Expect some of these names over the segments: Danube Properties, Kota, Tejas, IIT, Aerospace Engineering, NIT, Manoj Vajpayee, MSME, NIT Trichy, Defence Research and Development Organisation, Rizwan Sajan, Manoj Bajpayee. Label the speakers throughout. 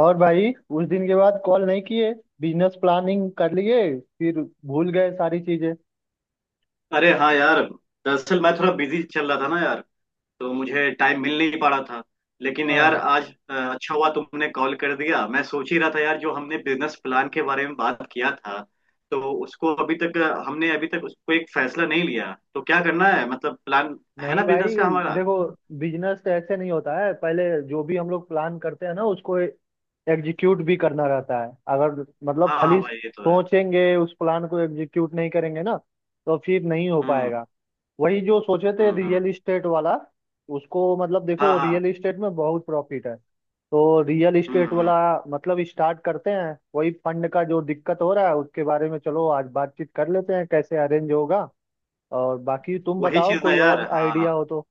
Speaker 1: और भाई उस दिन के बाद कॉल नहीं किए। बिजनेस प्लानिंग कर लिए फिर भूल गए सारी चीजें।
Speaker 2: अरे हाँ यार। दरअसल मैं थोड़ा बिजी चल रहा था ना यार, तो मुझे टाइम मिल नहीं पा रहा था। लेकिन यार
Speaker 1: हाँ।
Speaker 2: आज अच्छा हुआ तुमने कॉल कर दिया। मैं सोच ही रहा था यार, जो हमने बिजनेस प्लान के बारे में बात किया था तो उसको अभी तक हमने अभी तक उसको एक फैसला नहीं लिया, तो क्या करना है? मतलब प्लान है
Speaker 1: नहीं
Speaker 2: ना
Speaker 1: भाई,
Speaker 2: बिजनेस का हमारा।
Speaker 1: देखो बिजनेस तो ऐसे नहीं होता है। पहले जो भी हम लोग प्लान करते हैं ना उसको एग्जीक्यूट भी करना रहता है। अगर मतलब
Speaker 2: हाँ
Speaker 1: खाली
Speaker 2: हाँ भाई, ये तो है।
Speaker 1: सोचेंगे, उस प्लान को एग्जीक्यूट नहीं करेंगे ना तो फिर नहीं हो
Speaker 2: हम्म,
Speaker 1: पाएगा। वही जो सोचे थे,
Speaker 2: हम्म,
Speaker 1: रियल इस्टेट वाला उसको मतलब
Speaker 2: हाँ
Speaker 1: देखो, रियल
Speaker 2: हाँ।
Speaker 1: इस्टेट में बहुत प्रॉफिट है। तो रियल
Speaker 2: हम्म,
Speaker 1: इस्टेट वाला मतलब स्टार्ट करते हैं। वही फंड का जो दिक्कत हो रहा है उसके बारे में चलो आज बातचीत कर लेते हैं, कैसे अरेंज होगा। और बाकी तुम
Speaker 2: वही
Speaker 1: बताओ
Speaker 2: चीज ना
Speaker 1: कोई
Speaker 2: यार।
Speaker 1: और
Speaker 2: हाँ।
Speaker 1: आइडिया हो तो।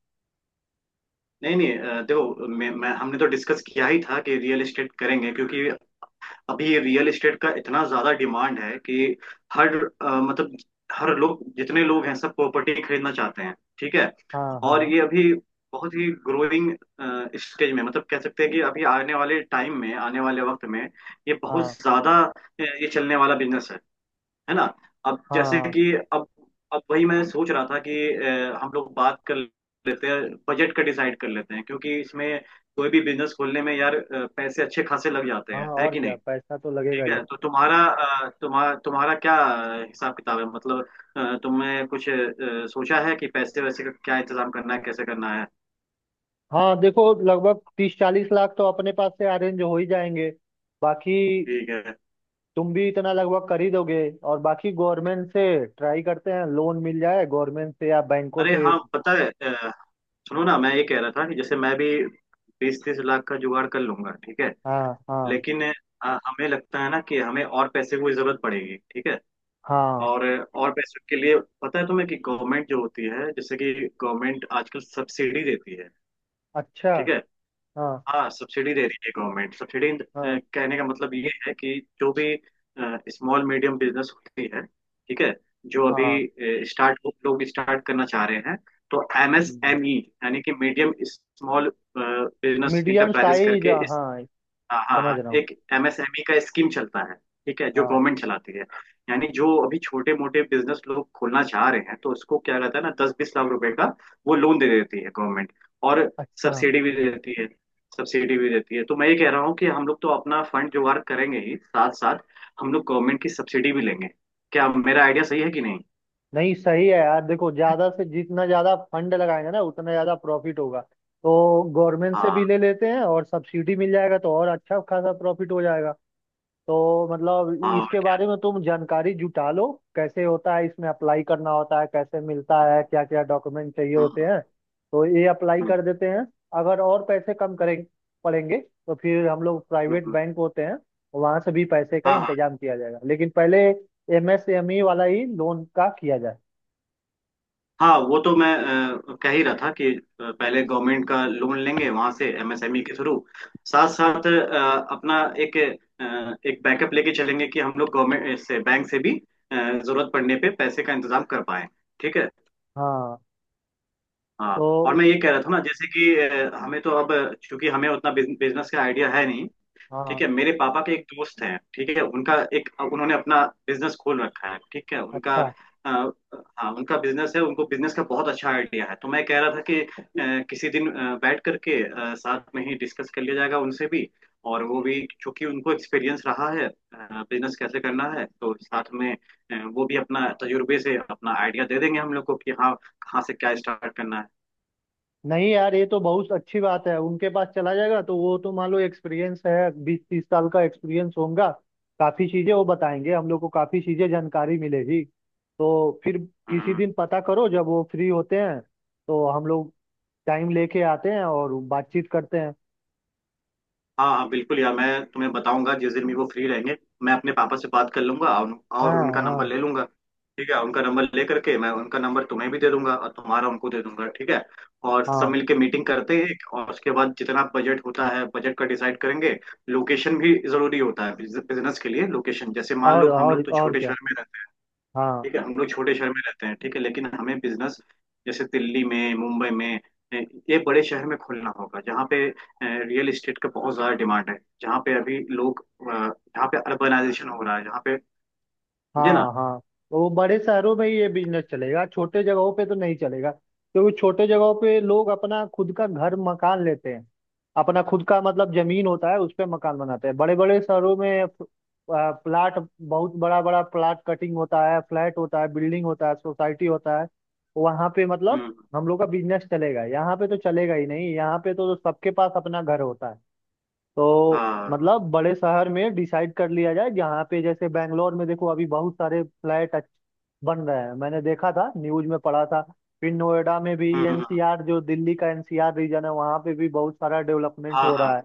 Speaker 2: नहीं नहीं, देखो, मैं हमने तो डिस्कस किया ही था कि रियल एस्टेट करेंगे, क्योंकि अभी ये रियल एस्टेट का इतना ज्यादा डिमांड है कि हर मतलब हर लोग, जितने लोग हैं, सब प्रॉपर्टी खरीदना चाहते हैं। ठीक है।
Speaker 1: हाँ
Speaker 2: और
Speaker 1: हाँ।
Speaker 2: ये अभी बहुत ही ग्रोइंग स्टेज में, मतलब कह सकते हैं कि अभी आने वाले टाइम में, आने वाले वक्त में ये बहुत
Speaker 1: हाँ
Speaker 2: ज्यादा ये चलने वाला बिजनेस है ना। अब जैसे
Speaker 1: हाँ
Speaker 2: कि अब वही मैं सोच रहा था कि हम लोग बात कर लेते हैं, बजट का डिसाइड कर लेते हैं, क्योंकि इसमें कोई भी बिजनेस खोलने में यार पैसे अच्छे खासे लग जाते
Speaker 1: हाँ।
Speaker 2: हैं, है
Speaker 1: और
Speaker 2: कि नहीं।
Speaker 1: क्या, पैसा तो लगेगा
Speaker 2: ठीक
Speaker 1: ही।
Speaker 2: है। तो तुम्हारा अ, तुम्हारा तुम्हारा क्या हिसाब किताब है? मतलब तुमने कुछ सोचा है कि पैसे वैसे का क्या इंतजाम करना है, कैसे करना है?
Speaker 1: हाँ देखो, लगभग 30-40 लाख तो अपने पास से अरेंज हो ही जाएंगे। बाकी
Speaker 2: ठीक है।
Speaker 1: तुम भी इतना लगभग कर ही दोगे, और बाकी गवर्नमेंट से ट्राई करते हैं लोन मिल जाए गवर्नमेंट से या बैंकों
Speaker 2: अरे
Speaker 1: से।
Speaker 2: हाँ, पता है। सुनो ना, मैं ये कह रहा था कि जैसे मैं भी 20-30 लाख का जुगाड़ कर लूंगा। ठीक है।
Speaker 1: हाँ हाँ।
Speaker 2: लेकिन हमें लगता है ना कि हमें और पैसे की जरूरत पड़ेगी। ठीक है।
Speaker 1: हाँ।
Speaker 2: और और पैसे के लिए पता है तुम्हें कि गवर्नमेंट जो होती है, जैसे कि गवर्नमेंट आजकल सब्सिडी देती है।
Speaker 1: अच्छा।
Speaker 2: ठीक है।
Speaker 1: हाँ
Speaker 2: हाँ, सब्सिडी दे रही है गवर्नमेंट। सब्सिडी
Speaker 1: हाँ
Speaker 2: कहने का मतलब ये है कि जो भी स्मॉल मीडियम बिजनेस होती है, ठीक है, जो अभी
Speaker 1: हाँ।
Speaker 2: स्टार्ट लोग स्टार्ट करना चाह रहे हैं, तो एमएसएमई, यानी कि medium small business
Speaker 1: medium
Speaker 2: enterprises
Speaker 1: size.
Speaker 2: करके इस,
Speaker 1: हाँ,
Speaker 2: हाँ हाँ
Speaker 1: समझ
Speaker 2: हाँ,
Speaker 1: रहा हूँ।
Speaker 2: एक एमएसएमई का स्कीम चलता है। ठीक है, जो
Speaker 1: हाँ।
Speaker 2: गवर्नमेंट चलाती है। यानी जो अभी छोटे मोटे बिजनेस लोग खोलना चाह रहे हैं, तो उसको क्या रहता है ना, 10-20 लाख रुपए का वो लोन दे देती है गवर्नमेंट। और
Speaker 1: अच्छा।
Speaker 2: सब्सिडी भी दे देती है, सब्सिडी भी देती है। तो मैं ये कह रहा हूँ कि हम लोग तो अपना फंड जुगाड़ करेंगे ही, साथ साथ हम लोग गवर्नमेंट की सब्सिडी भी लेंगे। क्या मेरा आइडिया सही है कि नहीं?
Speaker 1: नहीं सही है यार, देखो ज्यादा से जितना ज्यादा फंड लगाएंगे ना उतना ज्यादा प्रॉफिट होगा। तो गवर्नमेंट से
Speaker 2: हाँ
Speaker 1: भी ले लेते हैं, और सब्सिडी मिल जाएगा तो और अच्छा खासा प्रॉफिट हो जाएगा। तो मतलब
Speaker 2: हाँ,
Speaker 1: इसके बारे में तुम जानकारी जुटा लो, कैसे होता है, इसमें अप्लाई करना होता है कैसे, मिलता है क्या क्या, डॉक्यूमेंट चाहिए होते
Speaker 2: हम्म,
Speaker 1: हैं, तो ये अप्लाई
Speaker 2: हम्म,
Speaker 1: कर देते हैं। अगर और पैसे कम करें पड़ेंगे तो फिर हम लोग
Speaker 2: हम्म,
Speaker 1: प्राइवेट
Speaker 2: हम्म,
Speaker 1: बैंक होते हैं वहां से भी पैसे का
Speaker 2: हाँ
Speaker 1: इंतजाम किया जाएगा, लेकिन पहले एमएसएमई वाला ही लोन का किया जाए।
Speaker 2: हाँ। वो तो मैं कह ही रहा था कि पहले गवर्नमेंट का लोन लेंगे वहां से एमएसएमई के थ्रू, साथ साथ अपना एक एक बैकअप लेके चलेंगे कि हम लोग गवर्नमेंट से, बैंक से भी जरूरत पड़ने पे पैसे का इंतजाम कर पाए। ठीक है।
Speaker 1: हाँ
Speaker 2: हाँ, और
Speaker 1: तो।
Speaker 2: मैं ये कह रहा था ना, जैसे कि हमें तो अब, चूंकि हमें उतना बिजनेस का आइडिया है नहीं। ठीक
Speaker 1: हाँ।
Speaker 2: है, मेरे पापा के एक दोस्त हैं, ठीक है, उनका एक उन्होंने अपना बिजनेस खोल रखा है। ठीक है, उनका
Speaker 1: अच्छा।
Speaker 2: अ, हाँ, उनका बिजनेस है, उनको बिजनेस का बहुत अच्छा आइडिया है। तो मैं कह रहा था कि किसी दिन बैठ करके साथ में ही डिस्कस कर लिया जाएगा उनसे भी। और वो भी, क्योंकि उनको एक्सपीरियंस रहा है बिजनेस कैसे करना है, तो साथ में वो भी अपना तजुर्बे से अपना आइडिया दे देंगे हम लोग को कि हाँ, कहाँ से क्या स्टार्ट करना है।
Speaker 1: नहीं यार, ये तो बहुत अच्छी बात है। उनके पास चला जाएगा तो वो तो मान लो एक्सपीरियंस है, 20-30 साल का एक्सपीरियंस होगा। काफी चीजें वो बताएंगे हम लोग को, काफी चीजें जानकारी मिलेगी। तो फिर किसी
Speaker 2: हम्म।
Speaker 1: दिन पता करो जब वो फ्री होते हैं तो हम लोग टाइम लेके आते हैं और बातचीत करते हैं।
Speaker 2: हाँ हाँ, बिल्कुल यार, मैं तुम्हें बताऊंगा जिस दिन भी वो फ्री रहेंगे। मैं अपने पापा से बात कर लूंगा और
Speaker 1: हाँ
Speaker 2: उनका नंबर
Speaker 1: हाँ।
Speaker 2: ले लूंगा। ठीक है, उनका नंबर ले करके मैं उनका नंबर तुम्हें भी दे दूंगा और तुम्हारा उनको दे दूंगा। ठीक है, और सब
Speaker 1: हाँ,
Speaker 2: मिलके मीटिंग करते हैं एक, और उसके बाद जितना बजट होता है, बजट का डिसाइड करेंगे। लोकेशन भी जरूरी होता है बिजनेस के लिए, लोकेशन। जैसे मान
Speaker 1: और
Speaker 2: लो हम
Speaker 1: और
Speaker 2: लोग तो
Speaker 1: और
Speaker 2: छोटे
Speaker 1: क्या।
Speaker 2: शहर में,
Speaker 1: हाँ
Speaker 2: ठीक है, हम लोग छोटे शहर में रहते हैं, ठीक है, लेकिन हमें बिजनेस जैसे दिल्ली में, मुंबई में, अ, ये बड़े शहर में खोलना होगा, जहाँ पे रियल एस्टेट का बहुत ज्यादा डिमांड है, जहाँ पे अभी लोग जहाँ पे अर्बनाइजेशन हो रहा है, जहाँ पे, समझे ना।
Speaker 1: हाँ हाँ। वो बड़े शहरों में ही ये बिजनेस चलेगा, छोटे जगहों पे तो नहीं चलेगा, क्योंकि छोटे जगहों पे लोग अपना खुद का घर मकान लेते हैं। अपना खुद का मतलब जमीन होता है, उस पे मकान बनाते हैं। बड़े बड़े शहरों में प्लाट, बहुत बड़ा बड़ा प्लाट कटिंग होता है, फ्लैट होता है, बिल्डिंग होता है, सोसाइटी होता है। वहां पे मतलब
Speaker 2: हम्म,
Speaker 1: हम लोग का बिजनेस चलेगा। यहाँ पे तो चलेगा ही नहीं, यहाँ पे तो सबके पास अपना घर होता है। तो
Speaker 2: हाँ,
Speaker 1: मतलब बड़े शहर में डिसाइड कर लिया जाए, जहाँ पे जैसे बैंगलोर में देखो अभी बहुत सारे फ्लैट बन रहे हैं, मैंने देखा था, न्यूज में पढ़ा था। फिर नोएडा में भी
Speaker 2: हम्म,
Speaker 1: एनसीआर, जो दिल्ली का एनसीआर रीजन है वहाँ पे भी बहुत सारा डेवलपमेंट
Speaker 2: हाँ
Speaker 1: हो रहा
Speaker 2: हाँ,
Speaker 1: है।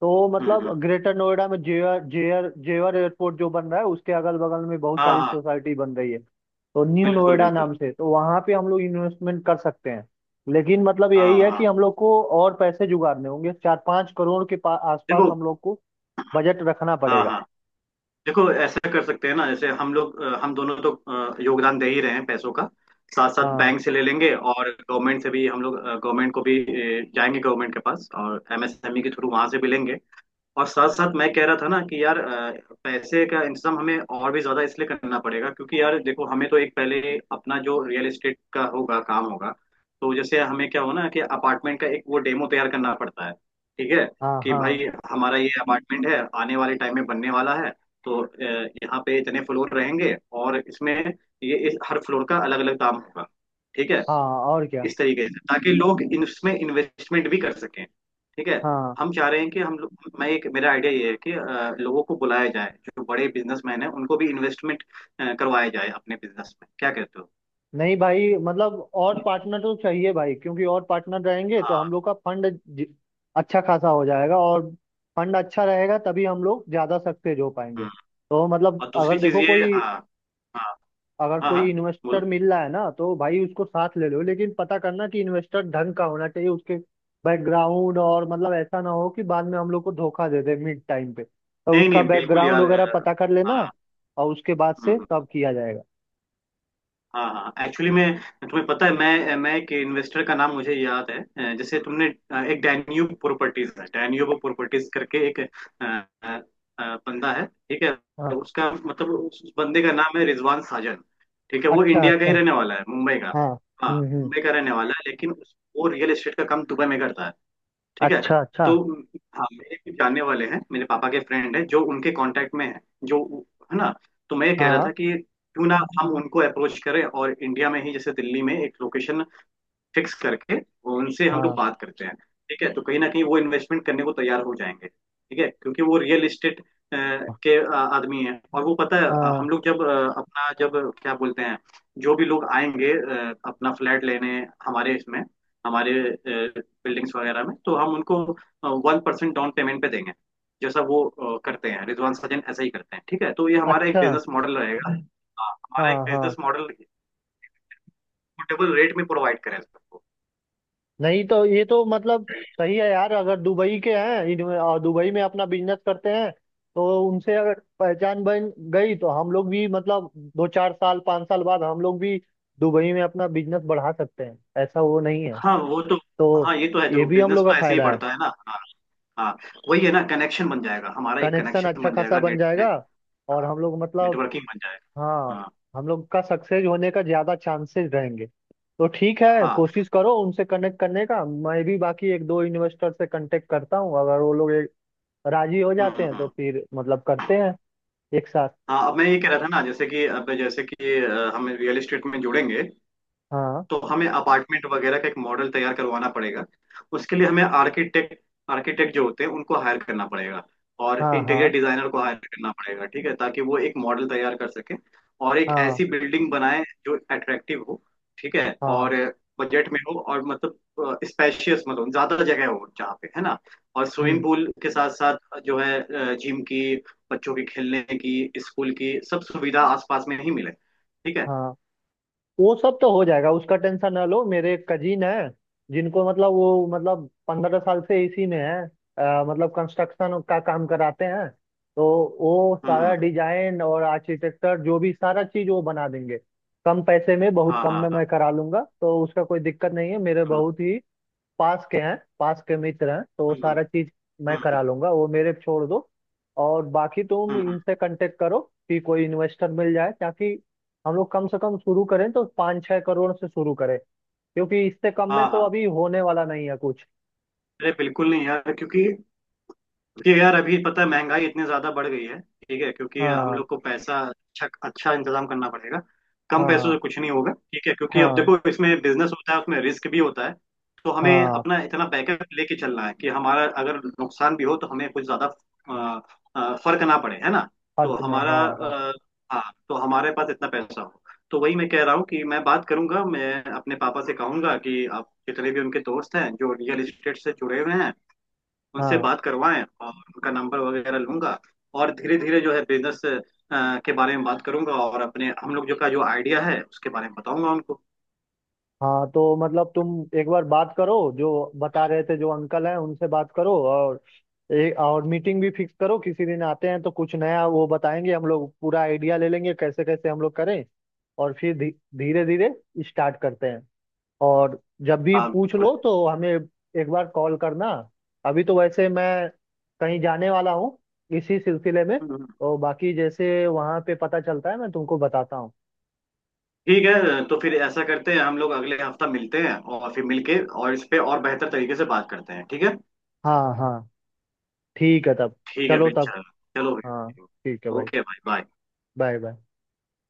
Speaker 1: तो
Speaker 2: हम्म,
Speaker 1: मतलब ग्रेटर नोएडा में जेवर जेवर जेवर एयरपोर्ट जो बन रहा है उसके अगल बगल में बहुत
Speaker 2: हाँ
Speaker 1: सारी
Speaker 2: हाँ,
Speaker 1: सोसाइटी बन रही है। तो न्यू
Speaker 2: बिल्कुल
Speaker 1: नोएडा
Speaker 2: बिल्कुल।
Speaker 1: नाम से, तो वहां पे हम लोग इन्वेस्टमेंट कर सकते हैं। लेकिन मतलब यही
Speaker 2: हाँ
Speaker 1: है कि
Speaker 2: हाँ,
Speaker 1: हम लोग को और पैसे जुगाड़ने होंगे। 4-5 करोड़ के आसपास
Speaker 2: देखो।
Speaker 1: हम लोग को बजट रखना
Speaker 2: हाँ
Speaker 1: पड़ेगा।
Speaker 2: हाँ, देखो, ऐसा कर सकते हैं ना, जैसे हम दोनों तो योगदान दे ही रहे हैं पैसों का, साथ साथ
Speaker 1: हाँ
Speaker 2: बैंक से ले लेंगे और गवर्नमेंट से भी हम लोग गवर्नमेंट को भी जाएंगे गवर्नमेंट के पास, और एमएसएमई के थ्रू वहां से भी लेंगे। और साथ साथ मैं कह रहा था ना कि यार पैसे का इंतजाम हमें और भी ज्यादा इसलिए करना पड़ेगा क्योंकि यार देखो, हमें तो एक पहले अपना जो रियल एस्टेट का होगा, काम होगा, तो जैसे हमें क्या हो ना कि अपार्टमेंट का एक वो डेमो तैयार करना पड़ता है। ठीक है,
Speaker 1: हाँ।
Speaker 2: कि
Speaker 1: हाँ
Speaker 2: भाई हमारा ये अपार्टमेंट है, आने वाले टाइम में बनने वाला है, तो यहाँ पे इतने फ्लोर रहेंगे। और इसमें ये इस हर फ्लोर का अलग अलग दाम होगा। ठीक है,
Speaker 1: हाँ, और क्या।
Speaker 2: इस तरीके से ताकि लोग इसमें इन्वेस्टमेंट भी कर सकें। ठीक है,
Speaker 1: हाँ।
Speaker 2: हम चाह रहे हैं कि हम लोग मैं एक मेरा आइडिया ये है कि लोगों को बुलाया जाए जो बड़े बिजनेसमैन हैं, उनको भी इन्वेस्टमेंट करवाया जाए अपने बिजनेस में। क्या कहते हो?
Speaker 1: नहीं भाई, मतलब और पार्टनर तो चाहिए भाई, क्योंकि और पार्टनर रहेंगे तो
Speaker 2: हाँ।
Speaker 1: हम लोग का फंड अच्छा खासा हो जाएगा, और फंड अच्छा रहेगा तभी हम लोग ज्यादा सक्सेस हो पाएंगे।
Speaker 2: हम्म।
Speaker 1: तो मतलब
Speaker 2: और दूसरी
Speaker 1: अगर
Speaker 2: चीज
Speaker 1: देखो
Speaker 2: ये,
Speaker 1: कोई
Speaker 2: हाँ। हाँ
Speaker 1: अगर
Speaker 2: हाँ, हाँ,
Speaker 1: कोई
Speaker 2: बोलो।
Speaker 1: इन्वेस्टर मिल रहा है ना तो भाई उसको साथ ले लो, लेकिन पता करना कि इन्वेस्टर ढंग का होना चाहिए, उसके बैकग्राउंड। और मतलब ऐसा ना हो कि बाद में हम लोग को धोखा दे दे मिड टाइम पे, तो
Speaker 2: नहीं
Speaker 1: उसका
Speaker 2: नहीं, बिल्कुल
Speaker 1: बैकग्राउंड
Speaker 2: यार,
Speaker 1: वगैरह पता कर लेना
Speaker 2: हाँ,
Speaker 1: और उसके बाद
Speaker 2: हम्म,
Speaker 1: से
Speaker 2: हम्म।
Speaker 1: तब किया जाएगा।
Speaker 2: हाँ हाँ, एक्चुअली मैं, तुम्हें पता है, मैं एक इन्वेस्टर का नाम मुझे याद है। जैसे तुमने एक डैन्यूब प्रॉपर्टीज है, डैन्यूब प्रॉपर्टीज करके एक अ, बंदा है, ठीक है।
Speaker 1: हाँ।
Speaker 2: उसका मतलब उस बंदे का नाम है रिजवान साजन। ठीक है, वो
Speaker 1: अच्छा
Speaker 2: इंडिया का
Speaker 1: अच्छा।
Speaker 2: ही रहने वाला है, मुंबई का।
Speaker 1: हाँ।
Speaker 2: हाँ,
Speaker 1: हम्म।
Speaker 2: मुंबई का रहने वाला है, लेकिन वो रियल एस्टेट का काम दुबई में करता है। ठीक है।
Speaker 1: अच्छा अच्छा।
Speaker 2: तो हाँ, मेरे कुछ जानने वाले हैं, मेरे पापा के फ्रेंड हैं जो उनके कांटेक्ट में है, जो, है ना। तो मैं ये कह रहा था
Speaker 1: हाँ
Speaker 2: कि क्यों ना हम उनको अप्रोच करें, और इंडिया में ही जैसे दिल्ली में एक लोकेशन फिक्स करके वो, उनसे हम लोग
Speaker 1: हाँ
Speaker 2: बात करते हैं। ठीक है, तो कहीं ना कहीं वो इन्वेस्टमेंट करने को तैयार हो जाएंगे। ठीक है, क्योंकि वो रियल इस्टेट के आदमी हैं। और वो पता है,
Speaker 1: हाँ।
Speaker 2: हम लोग जब अपना, जब क्या बोलते हैं, जो भी लोग आएंगे अपना फ्लैट लेने, हमारे इसमें, हमारे बिल्डिंग्स वगैरह में, तो हम उनको 1% डाउन पेमेंट पे देंगे, जैसा वो करते हैं, रिजवान सजन ऐसा ही करते हैं। ठीक है, तो ये हमारा एक
Speaker 1: अच्छा।
Speaker 2: बिजनेस मॉडल रहेगा। हाँ, हमारा एक
Speaker 1: हाँ हाँ।
Speaker 2: बिजनेस मॉडल, पोर्टेबल रेट में प्रोवाइड करें सबको।
Speaker 1: नहीं तो ये तो मतलब सही है यार, अगर दुबई के हैं और दुबई में अपना बिजनेस करते हैं तो उनसे अगर पहचान बन गई तो हम लोग भी मतलब 2-4 साल 5 साल बाद हम लोग भी दुबई में अपना बिजनेस बढ़ा सकते हैं। ऐसा वो नहीं है।
Speaker 2: हाँ, वो तो।
Speaker 1: तो
Speaker 2: हाँ, ये तो है,
Speaker 1: ये
Speaker 2: देखो
Speaker 1: भी हम
Speaker 2: बिजनेस
Speaker 1: लोग का
Speaker 2: तो ऐसे ही
Speaker 1: फायदा है।
Speaker 2: बढ़ता है ना। हाँ। हाँ, वही है ना, कनेक्शन बन जाएगा, हमारा एक
Speaker 1: कनेक्शन
Speaker 2: कनेक्शन
Speaker 1: अच्छा
Speaker 2: बन
Speaker 1: खासा
Speaker 2: जाएगा,
Speaker 1: बन
Speaker 2: नेट
Speaker 1: जाएगा,
Speaker 2: नेट
Speaker 1: और हम लोग मतलब,
Speaker 2: नेटवर्किंग बन जाएगा।
Speaker 1: हाँ,
Speaker 2: हाँ।
Speaker 1: हम लोग का सक्सेस होने का ज्यादा चांसेस रहेंगे। तो ठीक है,
Speaker 2: हाँ,
Speaker 1: कोशिश करो उनसे कनेक्ट करने का। मैं भी बाकी एक दो इन्वेस्टर से कांटेक्ट करता हूँ, अगर वो लोग राजी हो
Speaker 2: हम्म,
Speaker 1: जाते
Speaker 2: हम्म,
Speaker 1: हैं तो फिर मतलब करते हैं एक साथ।
Speaker 2: हाँ, अब मैं ये कह रहा था ना, जैसे कि अब, जैसे कि हम रियल एस्टेट में जुड़ेंगे
Speaker 1: हाँ
Speaker 2: तो हमें अपार्टमेंट वगैरह का एक मॉडल तैयार करवाना पड़ेगा। उसके लिए हमें आर्किटेक्ट, आर्किटेक्ट जो होते हैं उनको हायर करना पड़ेगा, और
Speaker 1: हाँ।
Speaker 2: इंटीरियर
Speaker 1: हाँ
Speaker 2: डिजाइनर को हायर करना पड़ेगा। ठीक है, ताकि वो एक मॉडल तैयार कर सके और एक
Speaker 1: हाँ
Speaker 2: ऐसी बिल्डिंग बनाए जो अट्रैक्टिव हो। ठीक है,
Speaker 1: हाँ।
Speaker 2: और बजट में हो, और मतलब स्पेशियस, मतलब ज्यादा जगह हो, जहाँ पे, है ना। और
Speaker 1: हम्म,
Speaker 2: स्विमिंग पूल के साथ साथ, जो है, जिम की, बच्चों के खेलने की, स्कूल की, सब सुविधा आसपास में ही मिले। ठीक है।
Speaker 1: हाँ। वो सब तो हो जाएगा, उसका टेंशन ना लो। मेरे कजिन है जिनको मतलब, वो मतलब 15 साल से इसी में है, मतलब कंस्ट्रक्शन का काम कराते हैं। तो वो
Speaker 2: हम्म,
Speaker 1: सारा डिजाइन और आर्किटेक्चर जो भी सारा चीज वो बना देंगे। कम पैसे में, बहुत
Speaker 2: हाँ
Speaker 1: कम
Speaker 2: हाँ,
Speaker 1: में
Speaker 2: हाँ,
Speaker 1: मैं करा लूंगा, तो उसका कोई दिक्कत नहीं है। मेरे
Speaker 2: हाँ।
Speaker 1: बहुत ही पास के हैं, पास के मित्र हैं, तो
Speaker 2: हम्म,
Speaker 1: सारा चीज मैं
Speaker 2: हम्म,
Speaker 1: करा लूंगा, वो मेरे पे छोड़ दो। और बाकी तुम
Speaker 2: हम्म, हम्म,
Speaker 1: इनसे कांटेक्ट करो कि कोई इन्वेस्टर मिल जाए, ताकि हम लोग कम से कम शुरू करें तो 5-6 करोड़ से शुरू करें, क्योंकि इससे कम में
Speaker 2: हाँ
Speaker 1: तो
Speaker 2: हाँ।
Speaker 1: अभी होने वाला नहीं है कुछ।
Speaker 2: अरे बिल्कुल नहीं यार, क्योंकि कि यार अभी पता है, महंगाई इतनी ज्यादा बढ़ गई है। ठीक है, क्योंकि हम
Speaker 1: हाँ
Speaker 2: लोग को पैसा अच्छा अच्छा इंतजाम करना पड़ेगा, कम पैसों
Speaker 1: हाँ।
Speaker 2: से कुछ नहीं होगा। ठीक है, क्योंकि अब
Speaker 1: हाँ
Speaker 2: देखो, इसमें बिजनेस होता है, उसमें रिस्क भी होता है। तो हमें
Speaker 1: हाँ।
Speaker 2: अपना इतना बैकअप लेके चलना है कि हमारा अगर नुकसान भी हो तो हमें कुछ ज्यादा अ, फर्क ना पड़े, है ना। तो
Speaker 1: फर्क ना,
Speaker 2: हमारा
Speaker 1: हाँ हाँ।
Speaker 2: हाँ, तो हमारे पास इतना पैसा हो। तो वही मैं कह रहा हूँ कि मैं बात करूंगा, मैं अपने पापा से कहूंगा कि आप जितने भी उनके दोस्त हैं जो रियल एस्टेट से जुड़े हुए हैं, उनसे
Speaker 1: हाँ
Speaker 2: बात करवाएं, और उनका नंबर वगैरह लूंगा। और धीरे धीरे जो है बिजनेस के बारे में बात करूंगा, और अपने हम लोग जो का जो आइडिया है उसके बारे में बताऊंगा उनको।
Speaker 1: हाँ। तो मतलब तुम एक बार बात करो, जो बता रहे थे जो अंकल हैं उनसे बात करो, और और मीटिंग भी फिक्स करो, किसी दिन आते हैं तो कुछ नया वो बताएंगे, हम लोग पूरा आइडिया ले लेंगे कैसे कैसे हम लोग करें। और फिर धीरे धीरे स्टार्ट करते हैं। और जब भी
Speaker 2: हाँ,
Speaker 1: पूछ
Speaker 2: बिल्कुल।
Speaker 1: लो तो हमें एक बार कॉल करना। अभी तो वैसे मैं कहीं जाने वाला हूँ इसी सिलसिले में,
Speaker 2: हम्म।
Speaker 1: तो बाकी जैसे वहाँ पे पता चलता है मैं तुमको बताता हूँ।
Speaker 2: ठीक है, तो फिर ऐसा करते हैं, हम लोग अगले हफ्ता मिलते हैं, और फिर मिलके और इस पे और बेहतर तरीके से बात करते हैं। ठीक है,
Speaker 1: हाँ हाँ। ठीक है तब।
Speaker 2: ठीक है
Speaker 1: चलो
Speaker 2: फिर।
Speaker 1: तब।
Speaker 2: चलो, चलो
Speaker 1: हाँ।
Speaker 2: भाई,
Speaker 1: ठीक है भाई।
Speaker 2: ओके भाई, बाय।
Speaker 1: Bye bye.